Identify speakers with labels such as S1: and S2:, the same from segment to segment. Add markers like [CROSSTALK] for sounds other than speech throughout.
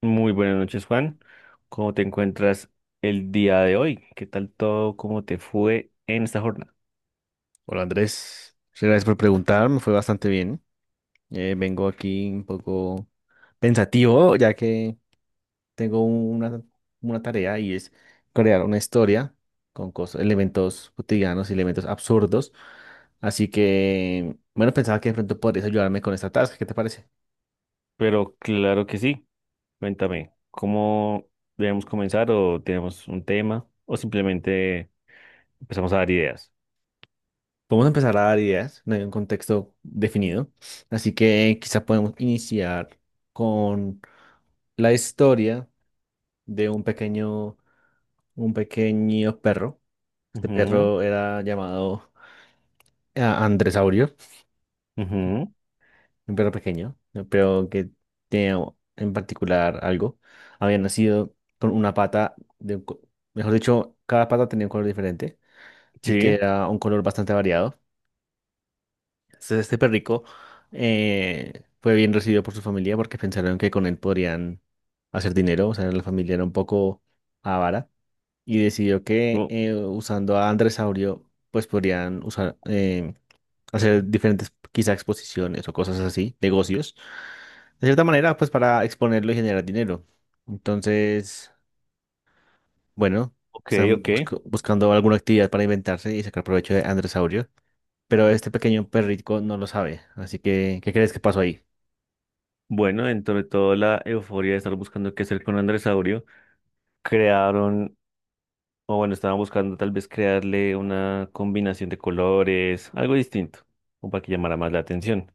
S1: Muy buenas noches, Juan. ¿Cómo te encuentras el día de hoy? ¿Qué tal todo? ¿Cómo te fue en esta jornada?
S2: Hola Andrés, muchas gracias por
S1: Listo.
S2: preguntar, me fue bastante bien. Vengo aquí un poco pensativo, ya que tengo una tarea, y es crear una historia con cosas, elementos cotidianos y elementos absurdos. Así que, bueno, pensaba que de pronto podrías ayudarme con esta tarea. ¿Qué te parece?
S1: Pero claro que sí. Cuéntame, ¿cómo debemos comenzar o tenemos un tema o simplemente empezamos a dar ideas?
S2: Podemos empezar a dar ideas, no hay un contexto definido, así que quizá podemos iniciar con la historia de un pequeño perro. Este
S1: Ujú.
S2: perro era llamado Andresaurio,
S1: Ujú.
S2: un perro pequeño, ¿no? Pero que tenía en particular algo. Había nacido con una pata, mejor dicho, cada pata tenía un color diferente, y que
S1: Sí.
S2: era un color bastante variado. Entonces, este perrico fue bien recibido por su familia porque pensaron que con él podrían hacer dinero. O sea, la familia era un poco avara y decidió que,
S1: o-
S2: usando a Andresaurio, pues podrían hacer diferentes quizá exposiciones o cosas así, negocios, de cierta manera, pues para exponerlo y generar dinero. Entonces, bueno,
S1: ok,
S2: están
S1: ok.
S2: buscando alguna actividad para inventarse y sacar provecho de Androsaurio, pero este pequeño perrico no lo sabe. Así que, ¿qué crees que pasó ahí?
S1: Bueno, dentro de toda la euforia de estar buscando qué hacer con Andrés Aurio, crearon. O bueno, estaban buscando tal vez crearle una combinación de colores, algo distinto, o para que llamara más la atención.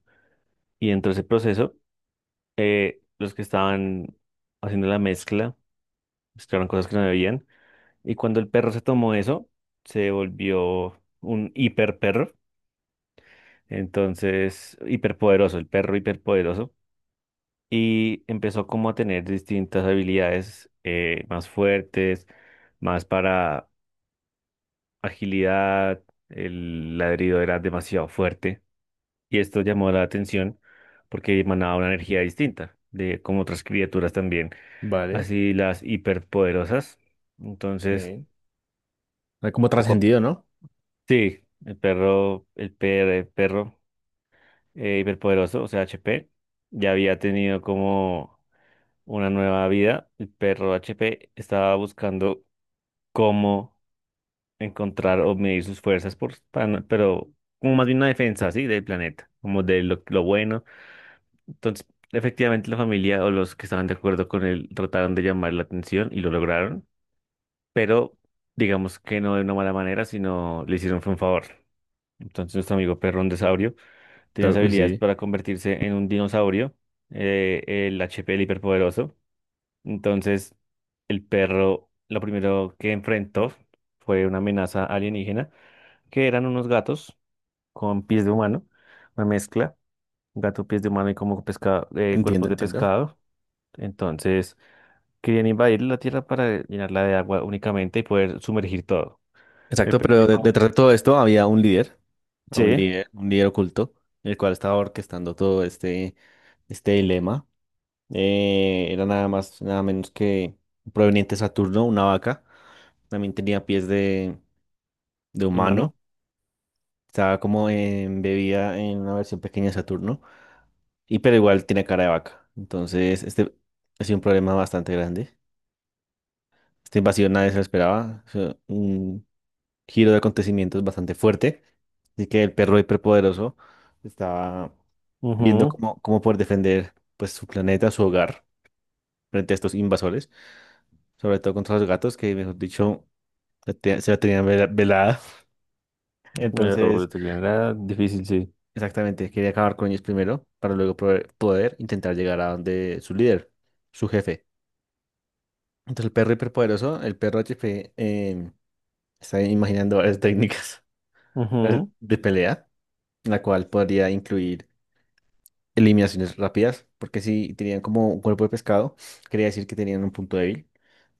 S1: Y dentro de ese proceso, los que estaban haciendo la mezcla, mezclaron cosas que no debían. Y cuando el perro se tomó eso, se volvió un hiper perro. Entonces, hiperpoderoso, el perro hiperpoderoso. Y empezó como a tener distintas habilidades más fuertes, más para agilidad, el ladrido era demasiado fuerte y esto llamó la atención porque emanaba una energía distinta de como otras criaturas también,
S2: Vale,
S1: así las hiperpoderosas. Entonces,
S2: sí. Hay como
S1: poco a-
S2: trascendido, ¿no?
S1: sí, el perro hiperpoderoso, o sea, HP, ya había tenido como una nueva vida. El perro HP estaba buscando cómo encontrar o medir sus fuerzas, por, para no- pero como más bien una defensa, ¿sí? Del planeta, como de lo bueno. Entonces, efectivamente la familia o los que estaban de acuerdo con él trataron de llamar la atención y lo lograron, pero digamos que no de una mala manera, sino le hicieron fue un favor. Entonces, nuestro amigo Perrón Saurio tenía las
S2: ¡Pero! Uy,
S1: habilidades
S2: sí,
S1: para convertirse en un dinosaurio, eh, el HP del hiperpoderoso. Entonces, el perro lo primero que enfrentó fue una amenaza alienígena que eran unos gatos con pies de humano, una mezcla, gato, pies de humano y como pescado,
S2: entiendo,
S1: cuerpos de
S2: entiendo.
S1: pescado. Entonces, querían invadir la Tierra para llenarla de agua únicamente y poder sumergir todo. El
S2: Exacto,
S1: perro
S2: pero
S1: dijo,
S2: detrás de todo esto había
S1: sí,
S2: un líder oculto, el cual estaba orquestando todo este dilema. Era nada más, nada menos que proveniente de Saturno, una vaca. También tenía pies de
S1: humano.
S2: humano. Estaba como embebida en una versión pequeña de Saturno. Y pero igual tiene cara de vaca. Entonces, este ha sido un problema bastante grande. Esta invasión nadie se lo esperaba. Fue un giro de acontecimientos bastante fuerte. Así que el perro hiperpoderoso estaba viendo
S1: Ujú.
S2: cómo, cómo poder defender pues, su planeta, su hogar, frente a estos invasores. Sobre todo contra los gatos, que mejor dicho se la tenían velada.
S1: Pero
S2: Entonces,
S1: sería era difícil, sí.
S2: exactamente, quería acabar con ellos primero para luego poder, poder intentar llegar a donde su líder, su jefe. Entonces, el perro hiperpoderoso, el perro HP, está imaginando varias técnicas
S1: Ujú.
S2: [LAUGHS] de pelea, la cual podría incluir eliminaciones rápidas, porque si tenían como un cuerpo de pescado, quería decir que tenían un punto débil.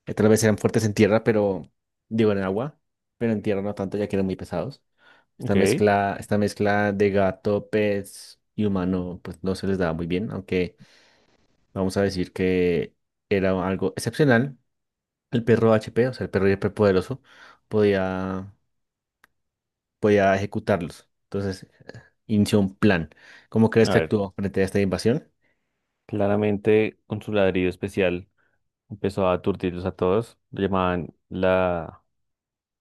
S2: Tal vez eran fuertes en tierra, pero digo en agua, pero en tierra no tanto, ya que eran muy pesados.
S1: Ok.
S2: Esta mezcla de gato, pez y humano, pues no se les daba muy bien, aunque vamos a decir que era algo excepcional. El perro HP, o sea, el perro hiperpoderoso, podía, podía ejecutarlos. Entonces, inició un plan. ¿Cómo crees
S1: A
S2: que
S1: ver,
S2: actuó frente a esta invasión?
S1: claramente con su ladrido especial empezó a aturdirlos a todos. Lo llamaban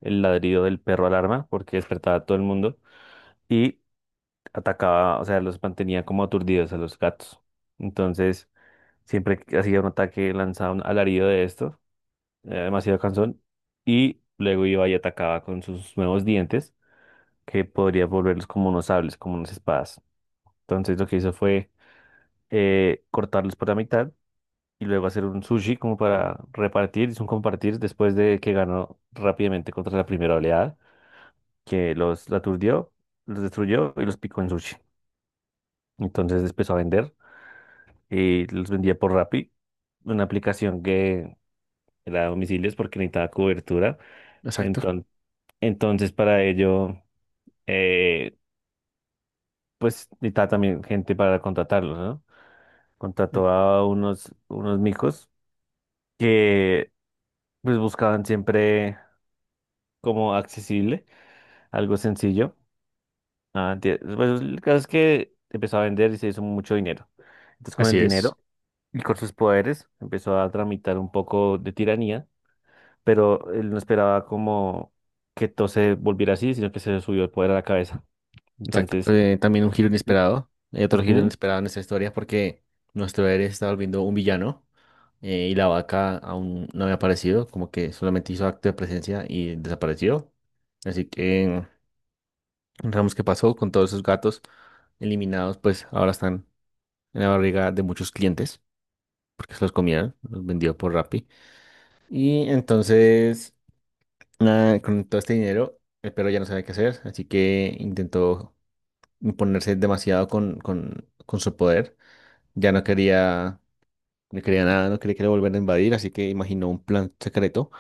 S1: el ladrido del perro alarma porque despertaba a todo el mundo. Y atacaba, o sea, los mantenía como aturdidos a los gatos. Entonces, siempre que hacía un ataque, lanzaba un alarido de esto, demasiado cansón, y luego iba y atacaba con sus nuevos dientes, que podría volverlos como unos sables, como unas espadas. Entonces, lo que hizo fue cortarlos por la mitad y luego hacer un sushi como para repartir, hizo un compartir después de que ganó rápidamente contra la primera oleada, que los aturdió, los destruyó y los picó en sushi. Entonces empezó a vender y los vendía por Rappi, una aplicación que era a domicilios porque necesitaba cobertura.
S2: Exacto.
S1: Enton- Entonces, para ello, eh, pues necesitaba también gente para contratarlos, ¿no? Contrató a unos micos que pues buscaban siempre como accesible, algo sencillo. Pues, el caso es que empezó a vender y se hizo mucho dinero. Entonces, con el
S2: Así es.
S1: dinero y con sus poderes, empezó a tramitar un poco de tiranía, pero él no esperaba como que todo se volviera así, sino que se le subió el poder a la cabeza.
S2: Exacto.
S1: Entonces,
S2: También un giro
S1: la-
S2: inesperado. Hay otro giro
S1: ujú.
S2: inesperado en esta historia porque nuestro héroe se está volviendo un villano, y la vaca aún no había aparecido, como que solamente hizo acto de presencia y desapareció. Así que digamos qué pasó con todos esos gatos eliminados. Pues ahora están en la barriga de muchos clientes porque se los comieron, los vendió por Rappi. Y entonces, nada, con todo este dinero, el perro ya no sabía qué hacer, así que intentó imponerse demasiado con su poder. Ya no quería, no quería nada, no quería que lo volvieran a invadir, así que imaginó un plan secreto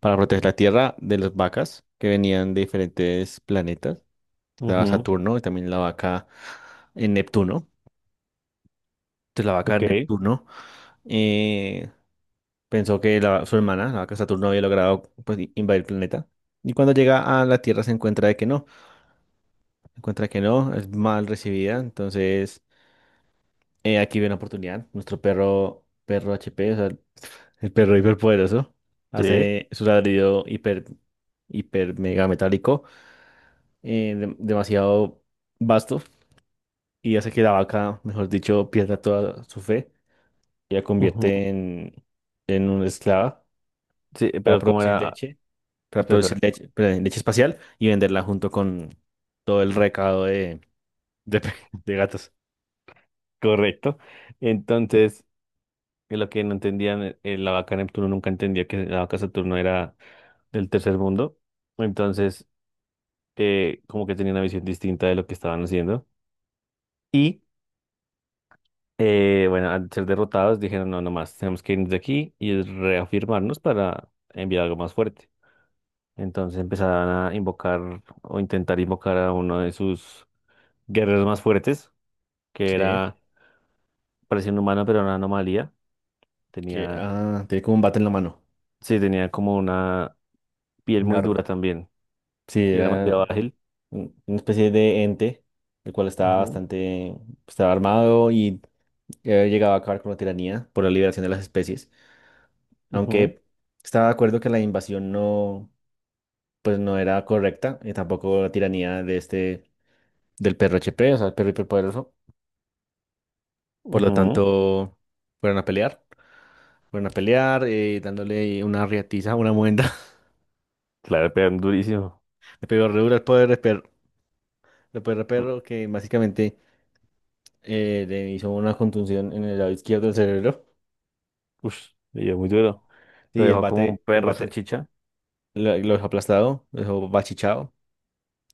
S2: para proteger la Tierra de las vacas que venían de diferentes planetas. Estaba
S1: Ujú.
S2: Saturno y también la vaca en Neptuno. Entonces la vaca de
S1: Ok.
S2: Neptuno, eh, pensó que su hermana, la vaca Saturno, había logrado pues, invadir el planeta. Y cuando llega a la Tierra se encuentra de que no, se encuentra que no, es mal recibida. Entonces, aquí ve una oportunidad. Nuestro perro, perro HP, o sea, el perro hiperpoderoso,
S1: Sí.
S2: hace su ladrido hiper, hiper mega metálico, demasiado vasto, y hace que la vaca, mejor dicho, pierda toda su fe y la
S1: Ujú.
S2: convierte en una esclava
S1: Sí,
S2: para
S1: pero como
S2: producir
S1: era,
S2: leche, para
S1: espera,
S2: producir
S1: espera,
S2: leche, perdón, leche espacial, y venderla junto con todo el recado de, [LAUGHS] de gatos.
S1: correcto. Entonces, lo que no entendían, la vaca Neptuno nunca entendía que la vaca Saturno era del tercer mundo. Entonces, como que tenía una visión distinta de lo que estaban haciendo. Y bueno, al ser derrotados dijeron, no, no más, tenemos que irnos de aquí y reafirmarnos para enviar algo más fuerte. Entonces empezaron a invocar o intentar invocar a uno de sus guerreros más fuertes, que
S2: Sí,
S1: era, parecía un humano, pero era una anomalía.
S2: que
S1: Tenía,
S2: ah, tiene como un bate en la mano.
S1: sí, tenía como una piel
S2: Un
S1: muy dura
S2: arma.
S1: también
S2: Sí,
S1: y era
S2: era
S1: demasiado ágil.
S2: una especie de ente, el cual estaba
S1: Ujú.
S2: bastante, estaba armado, y llegaba a acabar con la tiranía por la liberación de las especies,
S1: Ujú.
S2: aunque estaba de acuerdo que la invasión no, pues no era correcta, y tampoco la tiranía de este, del perro HP, o sea, el perro hiperpoderoso. Por lo
S1: Ujú.
S2: tanto, fueron a pelear. Fueron a pelear, dándole una riatiza, una muenda.
S1: Claro, pegan durísimo.
S2: [LAUGHS] Le pegó re duro al poder de perro, al poder de perro, que básicamente le hizo una contusión en el lado izquierdo del cerebro.
S1: Ush, le dio muy duro. Lo
S2: Sí,
S1: dejó como un
S2: el
S1: perro
S2: bate
S1: salchicha.
S2: lo dejó aplastado, lo dejó bachichao.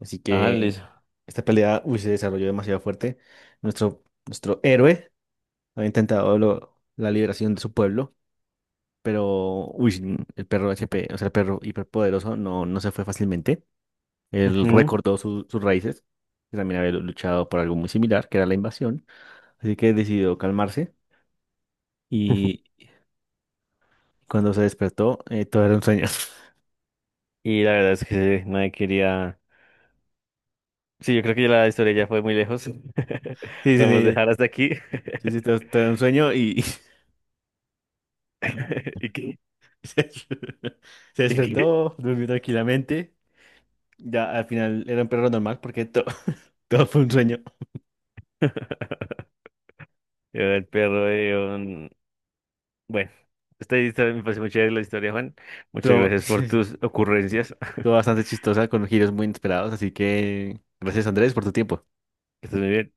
S2: Así
S1: Ajá, le
S2: que
S1: hizo.
S2: esta pelea, uy, se desarrolló demasiado fuerte. Nuestro, nuestro héroe había intentado la liberación de su pueblo, pero uy, el perro HP, o sea, el perro hiperpoderoso, no, no se fue fácilmente. Él
S1: Ujú.
S2: recordó sus raíces, que también había luchado por algo muy similar, que era la invasión. Así que decidió calmarse,
S1: [LAUGHS]
S2: y cuando se despertó, todo era un sueño. [LAUGHS]
S1: Y la verdad es que sí, nadie quería. Sí, yo creo que ya la historia ya fue muy lejos. [LAUGHS]
S2: Sí, sí,
S1: Podemos
S2: sí.
S1: dejar hasta aquí.
S2: Sí, sí, todo, todo era un sueño. Y
S1: [LAUGHS] ¿Y qué?
S2: [LAUGHS] se
S1: ¿Y qué?
S2: despertó, durmió tranquilamente. Ya al final era un perro normal porque [LAUGHS] todo fue un sueño.
S1: Era el perro de un. Bueno, esta historia me parece muy chévere la historia, Juan. Muchas
S2: Todo,
S1: gracias por tus
S2: [LAUGHS]
S1: ocurrencias. [LAUGHS]
S2: todo bastante chistosa, con giros muy inesperados. Así que gracias, Andrés, por tu tiempo.
S1: Que estés muy bien.